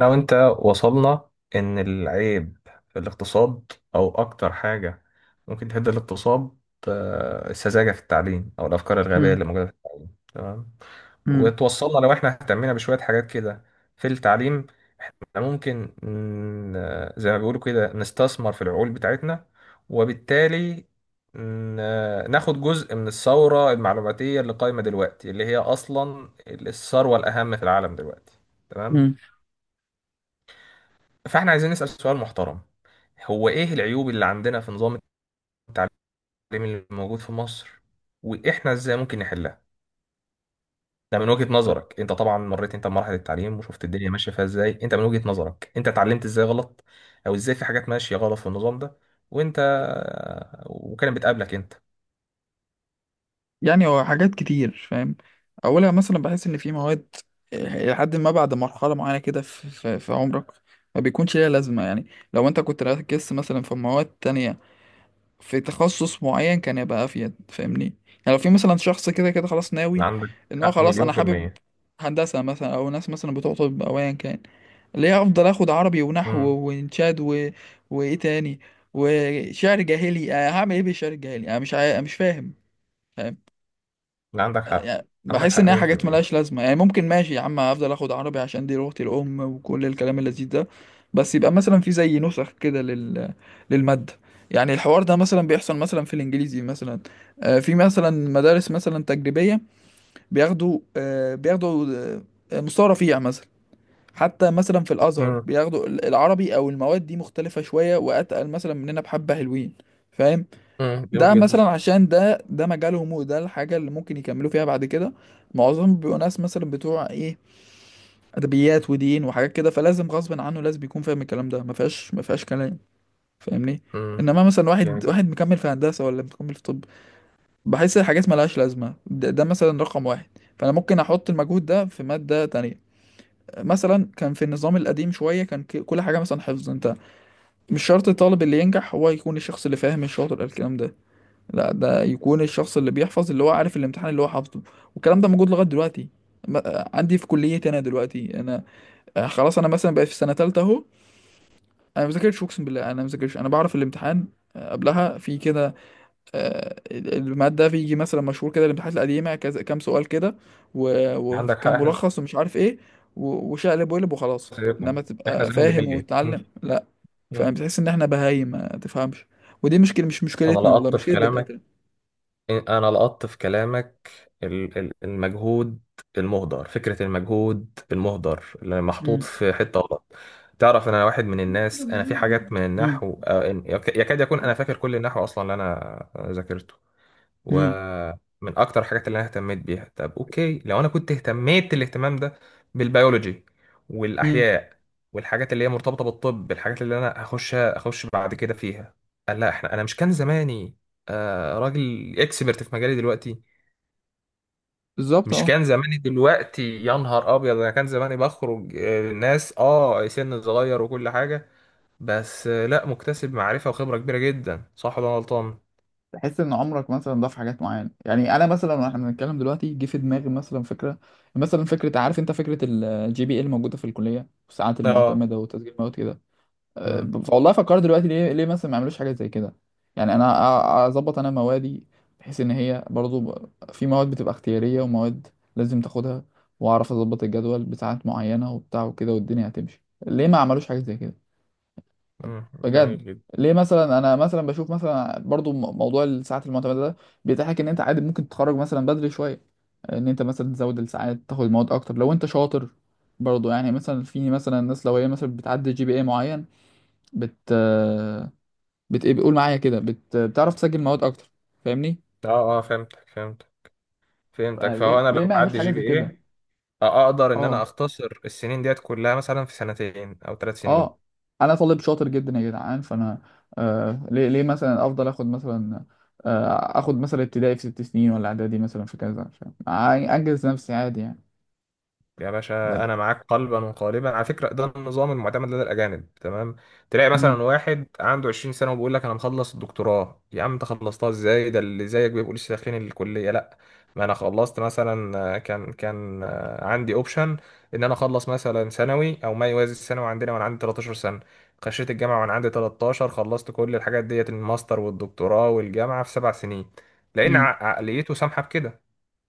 انا وانت وصلنا ان العيب في الاقتصاد او اكتر حاجة ممكن تهد الاقتصاد، السذاجة في التعليم او الافكار الغبية مم. اللي موجودة في التعليم. تمام. مم. وتوصلنا لو احنا اهتمينا بشوية حاجات كده في التعليم، إحنا ممكن زي ما بيقولوا كده نستثمر في العقول بتاعتنا، وبالتالي ناخد جزء من الثورة المعلوماتية اللي قايمة دلوقتي، اللي هي أصلا الثروة الأهم في العالم دلوقتي. تمام. مم. فاحنا عايزين نسأل سؤال محترم، هو ايه العيوب اللي عندنا في نظام التعليم اللي موجود في مصر، واحنا ازاي ممكن نحلها؟ ده من وجهة نظرك انت، طبعا مريت انت بمراحل التعليم وشفت الدنيا ماشية فيها ازاي، انت من وجهة نظرك انت اتعلمت ازاي غلط او ازاي في حاجات ماشية غلط في النظام ده، وانت وكانت بتقابلك انت. هو حاجات كتير، فاهم؟ اولها مثلا بحس ان في مواد لحد ما بعد مرحله معينه كده في عمرك ما بيكونش ليها لازمه، يعني لو انت كنت ركزت مثلا في مواد تانية في تخصص معين كان يبقى افيد، فاهمني؟ يعني لو في مثلا شخص كده كده خلاص ناوي عندك ان هو حق خلاص مليون انا في حابب المية. هندسه مثلا، او ناس مثلا بتوع طب او ايا كان، ليه افضل اخد عربي ونحو امم. وانشاد وايه تاني وشعر جاهلي؟ أنا هعمل ايه بالشعر الجاهلي؟ انا مش فاهم، فاهم؟ عندك حق. يعني عندك بحس حق ان هي مليون في حاجات ملهاش المية. لازمه، يعني ممكن ماشي يا عم افضل اخد عربي عشان دي لغتي الام وكل الكلام اللذيذ ده، بس يبقى مثلا في زي نسخ كده للماده. يعني الحوار ده مثلا بيحصل مثلا في الانجليزي مثلا. في مثلا مدارس مثلا تجريبيه بياخدوا، بياخدوا، مستوى رفيع مثلا. حتى مثلا في الازهر امم. بياخدوا العربي او المواد دي مختلفه شويه واتقل مثلا مننا، بحبه حلوين، فاهم؟ امم، جميل ده جدا. مثلا عشان ده مجالهم، وده الحاجة اللي ممكن يكملوا فيها بعد كده. معظمهم بيبقوا ناس مثلا بتوع ايه، أدبيات ودين وحاجات كده، فلازم غصب عنه لازم يكون فاهم الكلام ده، ما فيهاش كلام، فاهمني؟ امم، انما مثلا واحد جميل. واحد مكمل في هندسة ولا مكمل في طب، بحس الحاجات ملهاش لازمة. ده مثلا رقم واحد، فانا ممكن احط المجهود ده في مادة تانية. مثلا كان في النظام القديم شوية كان كل حاجة مثلا حفظ. انت مش شرط الطالب اللي ينجح هو يكون الشخص اللي فاهم الشاطر الكلام ده، لا، ده يكون الشخص اللي بيحفظ، اللي هو عارف الامتحان اللي هو حافظه. والكلام ده موجود لغايه دلوقتي. عندي في كليتي انا دلوقتي انا، خلاص انا مثلا بقيت في سنه ثالثه اهو. انا ما بذاكرش، اقسم بالله انا ما بذاكرش، انا بعرف الامتحان، قبلها في كده، الماده بيجي مثلا مشهور كده الامتحانات القديمه كذا، كام سؤال كده عندك حق. وكام احنا ملخص ومش عارف ايه، وشقلب وقلب وخلاص. زيكم، انما احنا تبقى زيهم فاهم بالمية. وتتعلم، لا. مم. فبتحس ان احنا بهايم ما تفهمش. ودي مشكله، مش انا مشكلتنا والله، لقطت في مشكله كلامك، الدكاتره. انا لقطت في كلامك المجهود المهدر، فكرة المجهود المهدر اللي محطوط في حتة غلط. تعرف، انا واحد من الناس انا في حاجات من مم. النحو، يكاد يكون انا فاكر كل النحو اصلا اللي انا ذاكرته، امم. ومن اكتر الحاجات اللي انا اهتميت بيها. طب اوكي، لو انا كنت اهتميت الاهتمام ده بالبيولوجي امم. والاحياء والحاجات اللي هي مرتبطه بالطب، الحاجات اللي انا اخش بعد كده فيها، قال لا. احنا انا مش كان زماني راجل اكسبرت في مجالي دلوقتي؟ بالظبط، مش اه. كان زماني دلوقتي يا نهار ابيض. انا كان زماني بخرج ناس، اه، سن صغير وكل حاجه، بس لا مكتسب معرفه وخبره كبيره جدا. صح ولا أنا غلطان؟ تحس ان عمرك مثلا ضاف حاجات معينه. يعني انا مثلا واحنا بنتكلم دلوقتي جه في دماغي مثلا فكره، مثلا فكره، عارف انت فكره الـGPA الموجوده في الكليه والساعات اه. المعتمده وتسجيل مواد كده. أه، امم. والله فكرت دلوقتي، ليه مثلا ما يعملوش حاجه زي كده؟ يعني انا اظبط انا موادي، بحيث ان هي برضو، في مواد بتبقى اختياريه ومواد لازم تاخدها، واعرف اظبط الجدول بساعات معينه وبتاع وكده، والدنيا هتمشي، ليه ما عملوش حاجه زي كده أمم، بجد؟ جميل جدا. ليه مثلا انا مثلا بشوف مثلا برضو موضوع الساعات المعتمده ده بيتيح لك ان انت عادي ممكن تتخرج مثلا بدري شويه، ان انت مثلا تزود الساعات تاخد المواد اكتر لو انت شاطر. برضو يعني مثلا في مثلا ناس لو هي مثلا بتعدي GPA معين، بت بت ايه بيقول معايا كده، بتعرف تسجل مواد اكتر، فاهمني؟ اه، اه، فهمتك. فهو انا ليه لو ما يعملوش معدي حاجه جي بي زي كده؟ ايه، اقدر ان انا اه. اختصر السنين ديت كلها مثلا في 2 سنين او 3 سنين. اه. انا طالب شاطر جدا يا جدعان، فانا، ليه مثلا افضل اخد مثلا، اخد مثلا ابتدائي في 6 سنين ولا اعدادي مثلا في كذا؟ فاهم؟ انجز نفسي عادي يعني. يا باشا، انا معاك قلبا وقالبا. على فكره، ده النظام المعتمد لدى الاجانب. تمام. تلاقي امم. مثلا واحد عنده 20 سنه وبيقول لك انا مخلص الدكتوراه. يا عم انت خلصتها ازاي؟ ده اللي زيك بيبقوا لسه داخلين الكليه. لا، ما انا خلصت مثلا، آه، كان كان آه، عندي اوبشن ان انا اخلص مثلا ثانوي او ما يوازي الثانوي عندنا وانا عندي 13 سنه. خشيت الجامعه وانا عندي 13، خلصت كل الحاجات ديت، الماستر والدكتوراه والجامعه، في 7 سنين، لان امم. عقليته سامحه بكده.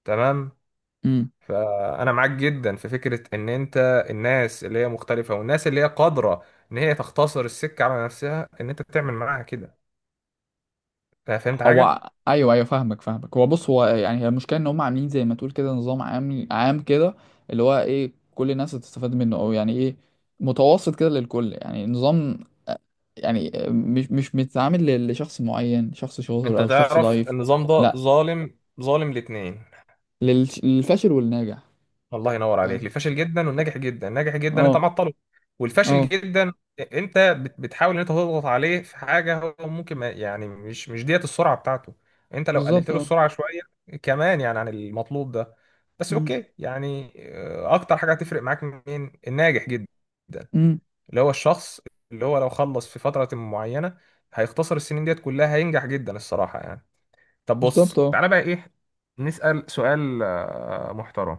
تمام. امم. فانا معاك جدا في فكره ان انت الناس اللي هي مختلفه والناس اللي هي قادره ان هي تختصر السكه على نفسها، ان انت تعمل معاها كده. فهمت حاجه؟ هو، ايوه ايوه، فاهمك فاهمك. هو بص، هو يعني هي المشكله ان هم عاملين زي ما تقول كده نظام عام، عام كده، اللي هو ايه، كل الناس هتستفاد منه، او يعني ايه، متوسط كده للكل، يعني نظام، يعني مش متعامل لشخص معين، شخص شاطر انت او شخص تعرف ضعيف. النظام ده لا، ظالم، ظالم الاتنين. للفاشل والناجح، الله ينور عليك. فاهم؟ الفاشل جدا والناجح جدا. الناجح جدا انت اه. معطله، والفاشل اه. جدا انت بتحاول ان انت تضغط عليه في حاجه هو ممكن ما يعني مش ديت السرعه بتاعته. انت لو قللت بالظبط، له اه. السرعه شويه كمان يعني عن المطلوب ده، بس امم. اوكي. يعني اكتر حاجه هتفرق معاك. مين الناجح جدا؟ امم. اللي هو الشخص اللي هو لو خلص في فتره معينه هيختصر السنين ديت كلها، هينجح جدا الصراحه يعني. طب بص بالظبط، اه. تعالى بقى ايه. نسأل سؤال محترم.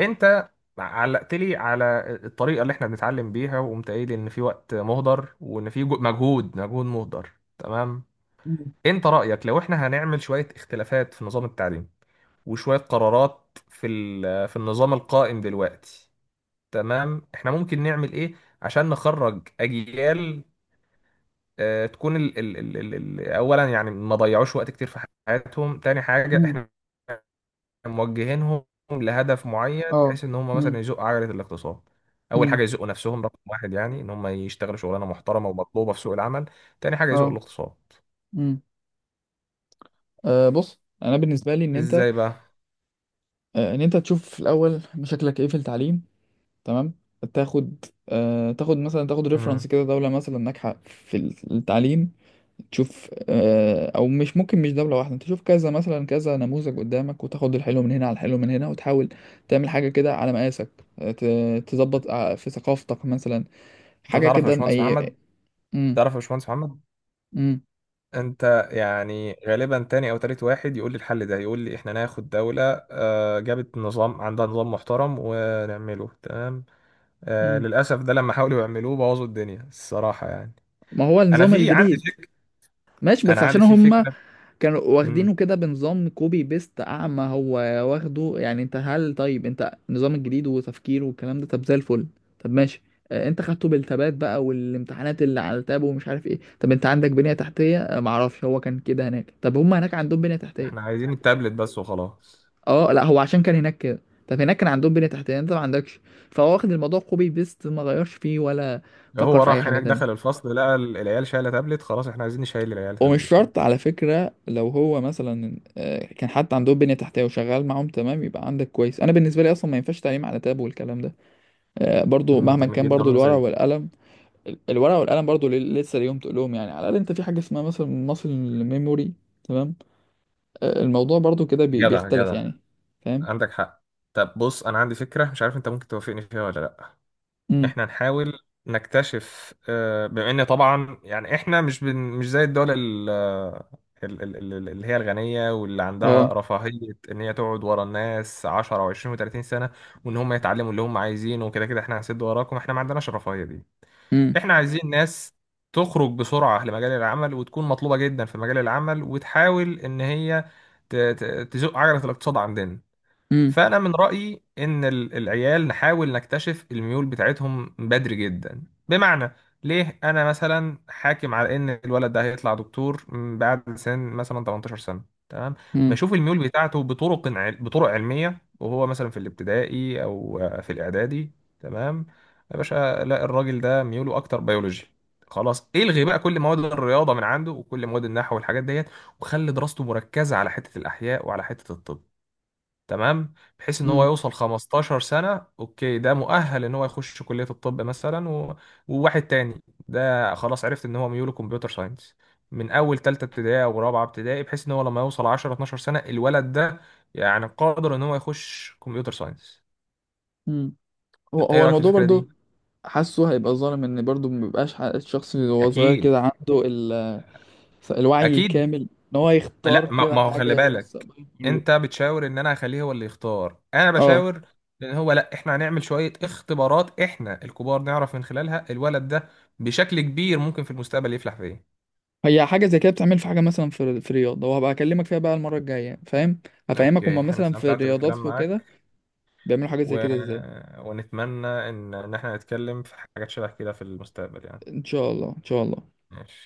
انت علقت لي على الطريقه اللي احنا بنتعلم بيها، وقمت قايل ان في وقت مهدر وان في مجهود مهدر. تمام. امم. انت رايك لو احنا هنعمل شويه اختلافات في نظام التعليم وشويه قرارات في في النظام القائم دلوقتي، تمام، احنا ممكن نعمل ايه عشان نخرج اجيال اه، تكون اولا يعني ما ضيعوش وقت كتير في حياتهم؟ تاني حاجه، امم. احنا موجهينهم لهدف معين اه. بحيث ان هم مثلا امم. يزقوا عجله الاقتصاد. اول حاجه امم. يزقوا نفسهم، رقم واحد، يعني ان هم يشتغلوا شغلانه محترمه ومطلوبه في سوق العمل. تاني حاجه يزقوا اه. الاقتصاد. امم. أه بص، انا بالنسبه لي، ان انت، ازاي بقى؟ أه ان انت تشوف في الاول مشاكلك ايه في التعليم، تمام. تاخد ريفرنس امم. كده دوله مثلا ناجحه في التعليم، تشوف، او مش ممكن مش دولة واحدة، انت تشوف كذا مثلا كذا نموذج قدامك، وتاخد الحلو من هنا على الحلو من هنا، وتحاول تعمل حاجة كده على مقاسك، تظبط في ثقافتك مثلا انت حاجة تعرف يا كده باشمهندس محمد، اي. مم. تعرف يا باشمهندس محمد، مم. انت يعني غالبا تاني او تالت واحد يقول لي الحل ده. يقول لي احنا ناخد دولة جابت نظام، عندها نظام محترم، ونعمله. تمام. مم. للأسف ده لما حاولوا يعملوه بوظوا الدنيا الصراحة يعني. ما هو انا النظام في عندي الجديد، فكرة، ماشي، انا بس عندي عشان في هم فكرة. كانوا واخدينه كده بنظام كوبي بيست اعمى، هو واخده يعني. انت هل، طيب انت النظام الجديد وتفكيره والكلام ده طب زي الفل، طب ماشي، انت خدته بالتبات بقى، والامتحانات اللي على التاب ومش عارف ايه، طب انت عندك بنية تحتية؟ معرفش هو كان كده هناك، طب هم هناك عندهم بنية تحتية. احنا عايزين التابلت بس وخلاص. اه لا، هو عشان كان هناك كده، طب هناك كان عندهم بنية تحتية، انت ما عندكش، فهو واخد الموضوع كوبي بيست، ما غيرش فيه ولا فكر هو في اي راح حاجة هناك دخل تانية. الفصل لقى العيال شايله تابلت، خلاص احنا عايزين نشيل العيال ومش تابلت هنا. شرط على فكرة لو هو مثلا كان حتى عنده بنية تحتية وشغال معاهم تمام يبقى عندك كويس، أنا بالنسبة لي أصلا ما ينفعش تعليم على تاب والكلام ده، برضو مهما جميل كان جدا. برضو انا الورق زيك. والقلم. الورق والقلم برضو لسه ليهم، تقولهم يعني على الأقل أنت في حاجة اسمها مثلا ماسل ميموري، تمام، الموضوع برضو كده جدع بيختلف جدع. يعني، فاهم؟ عندك حق. طب بص، انا عندي فكره مش عارف انت ممكن توافقني فيها ولا لا. امم. احنا نحاول نكتشف، بما ان طبعا يعني احنا مش زي الدول اللي هي الغنيه واللي اه. عندها رفاهيه ان هي تقعد ورا الناس 10 و20 و30 سنه، وان هم يتعلموا اللي هم عايزينه وكده، كده احنا هنسد وراكم. احنا ما عندناش الرفاهيه دي. امم. احنا عايزين ناس تخرج بسرعة لمجال العمل وتكون مطلوبة جدا في مجال العمل وتحاول ان هي ت- ت- تزق عجلة الاقتصاد عندنا. امم. فأنا من رأيي إن العيال نحاول نكتشف الميول بتاعتهم بدري جدا. بمعنى، ليه أنا مثلا حاكم على إن الولد ده هيطلع دكتور بعد سن مثلا 18 سنة؟ تمام. امم. بشوف الميول بتاعته بطرق علمية وهو مثلا في الابتدائي أو في الإعدادي. تمام يا باشا. لا، الراجل ده ميوله أكتر بيولوجي، خلاص الغي بقى كل مواد الرياضة من عنده وكل مواد النحو والحاجات ديت، وخلي دراسته مركزة على حتة الأحياء وعلى حتة الطب. تمام، بحيث ان هو امم. يوصل 15 سنة اوكي، ده مؤهل ان هو يخش كلية الطب مثلا و... وواحد تاني ده خلاص عرفت ان هو ميوله كمبيوتر ساينس من اول تالتة ابتدائي او رابعة ابتدائي، بحيث ان هو لما يوصل 10 12 سنة الولد ده يعني قادر ان هو يخش كمبيوتر ساينس. امم. هو ايه هو رأيك في الموضوع الفكرة برضو، دي؟ حاسه هيبقى ظالم ان برضو مبيبقاش الشخص اللي هو صغير اكيد. كده، عنده ال، الوعي اكيد. الكامل، ان هو يختار لا، ما كده ما هو خلي حاجه بالك، لمستقبله كله. انت بتشاور ان انا هخليه هو اللي يختار، انا اه. بشاور ان هو لا، احنا هنعمل شوية اختبارات احنا الكبار نعرف من خلالها الولد ده بشكل كبير ممكن في المستقبل يفلح في ايه. هي حاجه زي كده بتعمل، في حاجه مثلا في رياضه، وهبقى اكلمك فيها بقى المره الجايه، فاهم؟ هفهمك، اوكي، هما انا مثلا في استمتعت بالكلام الرياضات معاك، وكده بيعملوا حاجه زي و... كده ازاي. ونتمنى ان احنا نتكلم في حاجات شبه كده في المستقبل يعني. ان شاء الله، ان شاء الله. ماشي.